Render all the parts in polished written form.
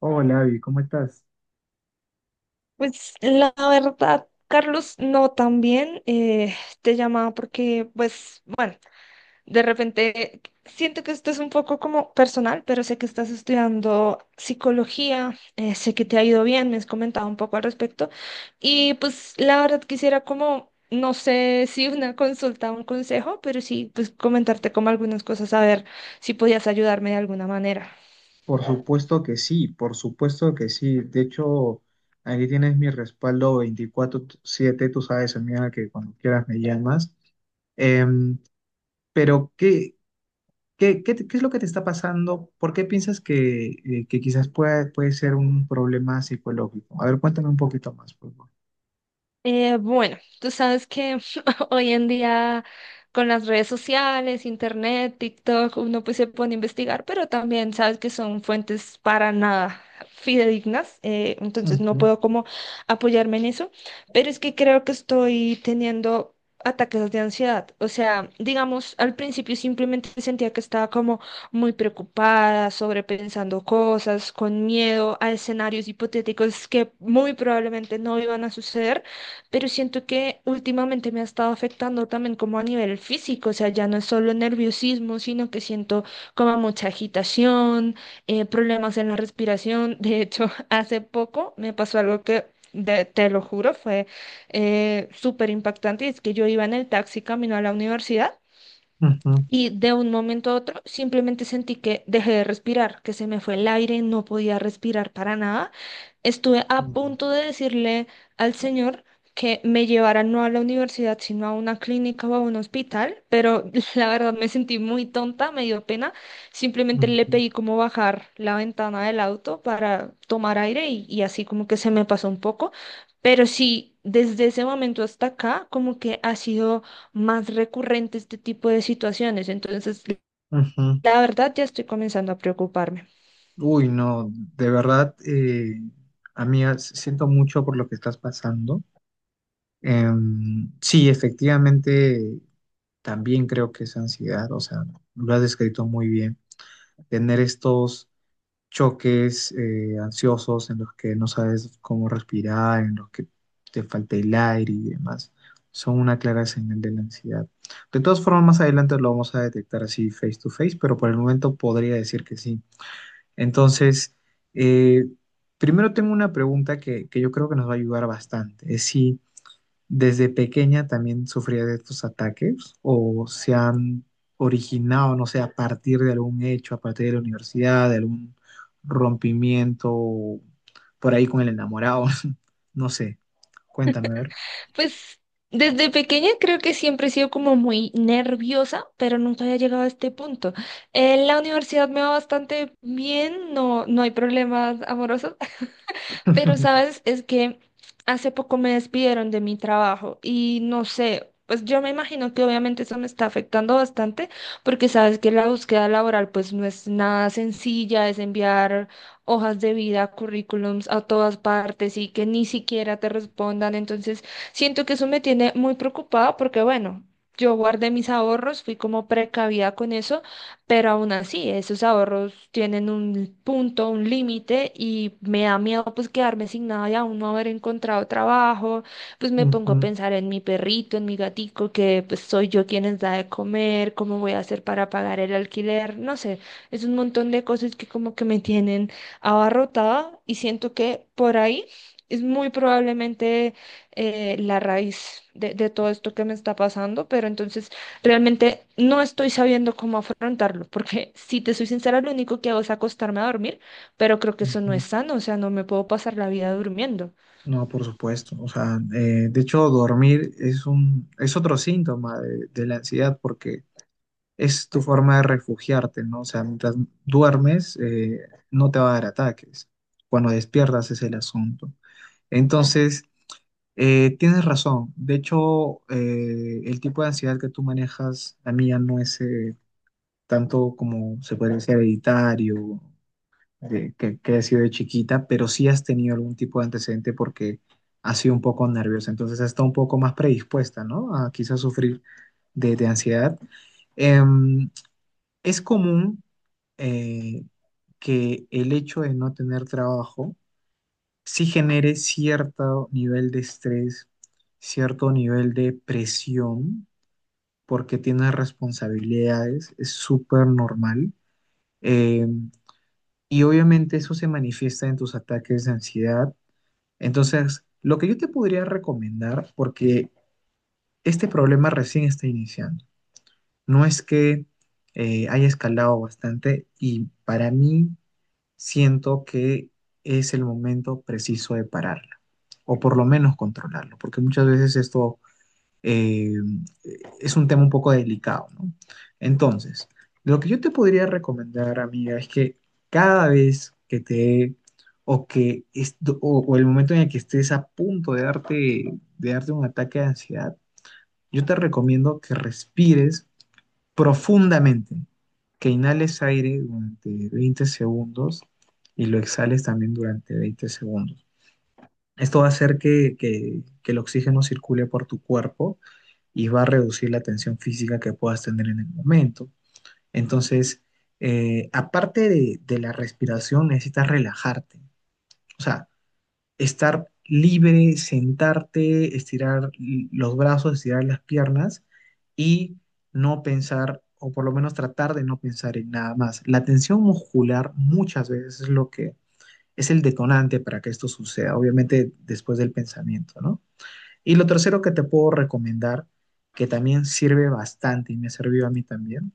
Hola, Abby, ¿cómo estás? Pues la verdad, Carlos, no tan bien. Te llamaba porque, pues, bueno, de repente siento que esto es un poco como personal, pero sé que estás estudiando psicología. Sé que te ha ido bien, me has comentado un poco al respecto. Y pues la verdad quisiera como, no sé si una consulta o un consejo, pero sí, pues comentarte como algunas cosas, a ver si podías ayudarme de alguna manera. Por supuesto que sí, por supuesto que sí. De hecho, aquí tienes mi respaldo 24/7, tú sabes, amiga, que cuando quieras me llamas. Em, pero, ¿ qué es lo que te está pasando? ¿Por qué piensas que puede ser un problema psicológico? A ver, cuéntame un poquito más, por favor. Bueno, tú sabes que hoy en día con las redes sociales, internet, TikTok, uno pues se pone a investigar, pero también sabes que son fuentes para nada fidedignas. Entonces no Ujú, puedo como apoyarme en eso, pero es que creo que estoy teniendo ataques de ansiedad. O sea, digamos, al principio simplemente sentía que estaba como muy preocupada, sobrepensando cosas, con miedo a escenarios hipotéticos que muy probablemente no iban a suceder, pero siento que últimamente me ha estado afectando también como a nivel físico. O sea, ya no es solo nerviosismo, sino que siento como mucha agitación. Problemas en la respiración. De hecho, hace poco me pasó algo que... te lo juro, fue súper impactante. Es que yo iba en el taxi camino a la universidad ujú, y de un momento a otro simplemente sentí que dejé de respirar, que se me fue el aire, no podía respirar para nada. Estuve a punto mm, de decirle al señor que me llevara no a la universidad, sino a una clínica o a un hospital, pero la verdad me sentí muy tonta, me dio pena. Simplemente le ujú, pedí como bajar la ventana del auto para tomar aire y, así como que se me pasó un poco. Pero sí, desde ese momento hasta acá, como que ha sido más recurrente este tipo de situaciones. Entonces, ujú. la verdad, ya estoy comenzando a preocuparme. Uy, no, de verdad, amiga, siento mucho por lo que estás pasando. Sí, efectivamente, también creo que es ansiedad, o sea, lo has descrito muy bien. Tener estos choques ansiosos en los que no sabes cómo respirar, en los que te falta el aire y demás, son una clara señal de la ansiedad. De todas formas, más adelante lo vamos a detectar así face to face, pero por el momento podría decir que sí. Entonces, eh, primero tengo una pregunta que yo creo que nos va a ayudar bastante. Es si ¿desde pequeña también sufría de estos ataques o se han originado, no sé, a partir de algún hecho, a partir de la universidad, de algún rompimiento por ahí con el enamorado? No sé, cuéntame, a ver. Pues desde pequeña creo que siempre he sido como muy nerviosa, pero nunca había llegado a este punto. En la universidad me va bastante bien, no, no hay problemas amorosos. Pero, ¿sabes? Es que hace poco me despidieron de mi trabajo y no sé, pues yo me imagino que obviamente eso me está afectando bastante porque sabes que la búsqueda laboral pues no es nada sencilla, es enviar hojas de vida, currículums a todas partes y que ni siquiera te respondan. Entonces, siento que eso me tiene muy preocupada porque, bueno, yo guardé mis ahorros, fui como precavida con eso, pero aún así, esos ahorros tienen un punto, un límite y me da miedo pues quedarme sin nada y aún no haber encontrado trabajo. Pues me pongo a Ujú, pensar en mi perrito, en mi gatico, que pues soy yo quien les da de comer, cómo voy a hacer para pagar el alquiler, no sé, es un montón de cosas que como que me tienen abarrotada y siento que por ahí es muy probablemente la raíz de todo esto que me está pasando, pero entonces... Realmente no estoy sabiendo cómo afrontarlo, porque si te soy sincera, lo único que hago es acostarme a dormir, pero creo que eso no es ujú. sano. O sea, no me puedo pasar la vida durmiendo. No, por supuesto. O sea, de hecho, dormir es un, es otro síntoma de la ansiedad porque es tu forma de refugiarte, ¿no? O sea, mientras duermes, no te va a dar ataques. Cuando despiertas es el asunto. Entonces, tienes razón. De hecho, el tipo de ansiedad que tú manejas, la mía no es tanto como se puede decir hereditario, que ha sido de chiquita, pero sí has tenido algún tipo de antecedente porque has sido un poco nerviosa. Entonces, has estado un poco más predispuesta, ¿no? A quizás sufrir de ansiedad. Em, es común eh, que el hecho de no tener trabajo sí genere cierto nivel de estrés, cierto nivel de presión, porque tienes responsabilidades, es súper normal. eh, y obviamente eso se manifiesta en tus ataques de ansiedad. Entonces, lo que yo te podría recomendar, porque este problema recién está iniciando, no es que haya escalado bastante, y para mí siento que es el momento preciso de pararla, o por lo menos controlarlo, porque muchas veces esto eh, es un tema un poco delicado, ¿no? Entonces, lo que yo te podría recomendar, amiga, es que cada vez que te o que est- o el momento en el que estés a punto de darte un ataque de ansiedad, yo te recomiendo que respires profundamente, que inhales aire durante 20 segundos y lo exhales también durante 20 segundos. Esto va a hacer que el oxígeno circule por tu cuerpo y va a reducir la tensión física que puedas tener en el momento. Entonces, aparte de la respiración, necesitas relajarte. O sea, estar libre, sentarte, estirar los brazos, estirar las piernas y no pensar, o por lo menos tratar de no pensar en nada más. La tensión muscular muchas veces es lo que es el detonante para que esto suceda, obviamente después del pensamiento, ¿no? Y lo tercero que te puedo recomendar, que también sirve bastante y me ha servido a mí también,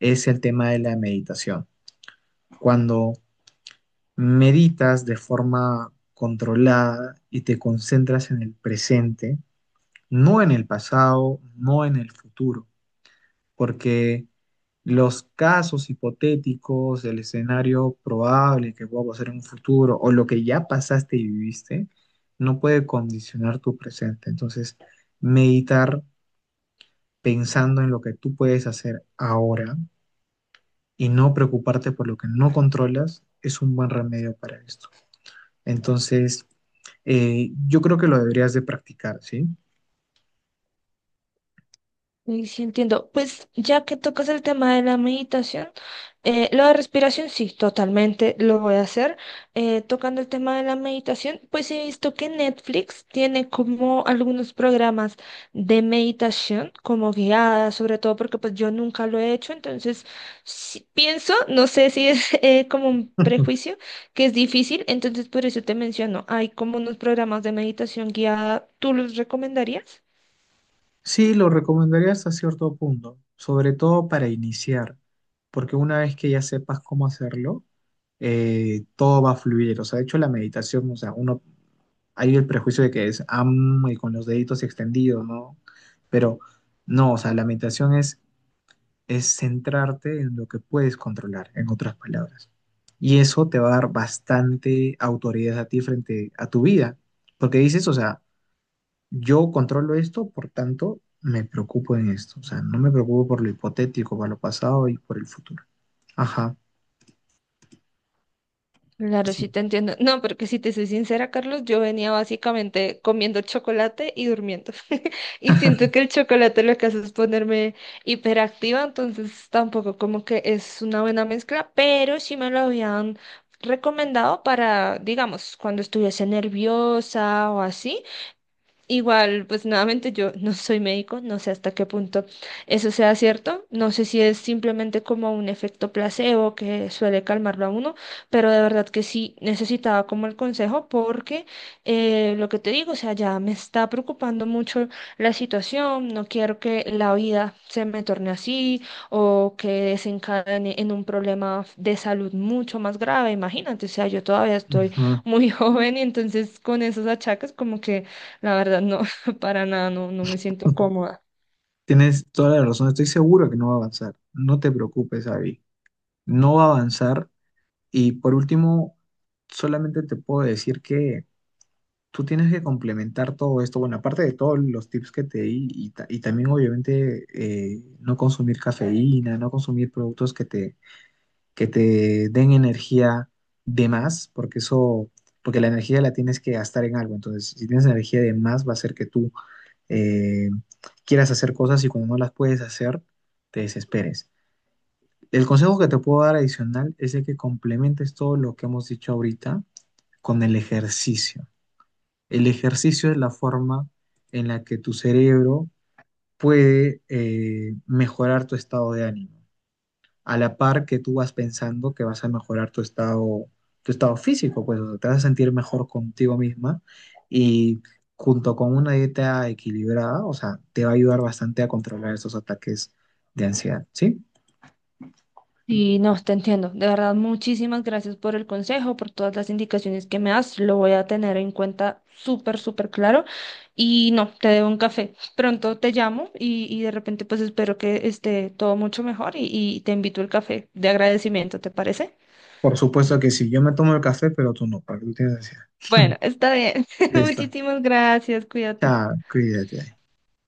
es el tema de la meditación. Cuando meditas de forma controlada y te concentras en el presente, no en el pasado, no en el futuro, porque los casos hipotéticos, el escenario probable que pueda pasar en un futuro o lo que ya pasaste y viviste, no puede condicionar tu presente. Entonces, meditar pensando en lo que tú puedes hacer ahora y no preocuparte por lo que no controlas es un buen remedio para esto. Entonces, yo creo que lo deberías de practicar, ¿sí? Sí, sí, entiendo. Pues ya que tocas el tema de la meditación, lo de respiración sí, totalmente lo voy a hacer. Tocando el tema de la meditación, pues he visto que Netflix tiene como algunos programas de meditación como guiadas, sobre todo porque pues yo nunca lo he hecho, entonces sí pienso, no sé si es como un prejuicio, que es difícil, entonces por eso te menciono, hay como unos programas de meditación guiada, ¿tú los recomendarías? Sí, lo recomendaría hasta cierto punto, sobre todo para iniciar, porque una vez que ya sepas cómo hacerlo, todo va a fluir. O sea, de hecho la meditación, o sea, uno, hay el prejuicio de que es am y con los deditos extendidos, ¿no? Pero no, o sea, la meditación es centrarte en lo que puedes controlar, en otras palabras. Y eso te va a dar bastante autoridad a ti frente a tu vida, porque dices, o sea, yo controlo esto, por tanto, me preocupo en esto. O sea, no me preocupo por lo hipotético, por lo pasado y por el futuro. Ajá, Claro, sí. sí te entiendo. No, porque si te soy sincera, Carlos, yo venía básicamente comiendo chocolate y durmiendo. Y siento que el chocolate lo que hace es ponerme hiperactiva, entonces tampoco como que es una buena mezcla, pero sí me lo habían recomendado para, digamos, cuando estuviese nerviosa o así. Igual, pues nuevamente yo no soy médico, no sé hasta qué punto eso sea cierto, no sé si es simplemente como un efecto placebo que suele calmarlo a uno, pero de verdad que sí necesitaba como el consejo porque lo que te digo, o sea, ya me está preocupando mucho la situación, no quiero que la vida se me torne así o que desencadene en un problema de salud mucho más grave, imagínate, o sea, yo todavía estoy Ajá. muy joven y entonces con esos achaques como que la verdad, no, para nada, no, no me siento cómoda. Tienes toda la razón, estoy seguro que no va a avanzar. No te preocupes, Abby. No va a avanzar. Y por último, solamente te puedo decir que tú tienes que complementar todo esto. Bueno, aparte de todos los tips que te di, y, y también obviamente no consumir cafeína, no consumir productos que te den energía de más, porque eso, porque la energía la tienes que gastar en algo. Entonces, si tienes energía de más, va a ser que tú eh, quieras hacer cosas y cuando no las puedes hacer, te desesperes. El consejo que te puedo dar adicional es de que complementes todo lo que hemos dicho ahorita con el ejercicio. El ejercicio es la forma en la que tu cerebro puede mejorar tu estado de ánimo. A la par que tú vas pensando que vas a mejorar tu estado físico, pues o sea, te vas a sentir mejor contigo misma y junto con una dieta equilibrada, o sea, te va a ayudar bastante a controlar esos ataques de ansiedad, ¿sí? Y no, te entiendo. De verdad, muchísimas gracias por el consejo, por todas las indicaciones que me das. Lo voy a tener en cuenta súper, súper claro. Y no, te debo un café. Pronto te llamo y, de repente pues espero que esté todo mucho mejor y te invito al café de agradecimiento, ¿te parece? Por supuesto que sí, yo me tomo el café, pero tú no, porque tú tienes ansiedad. Bueno, está bien. Listo. Muchísimas gracias, cuídate. Chao, cuídate.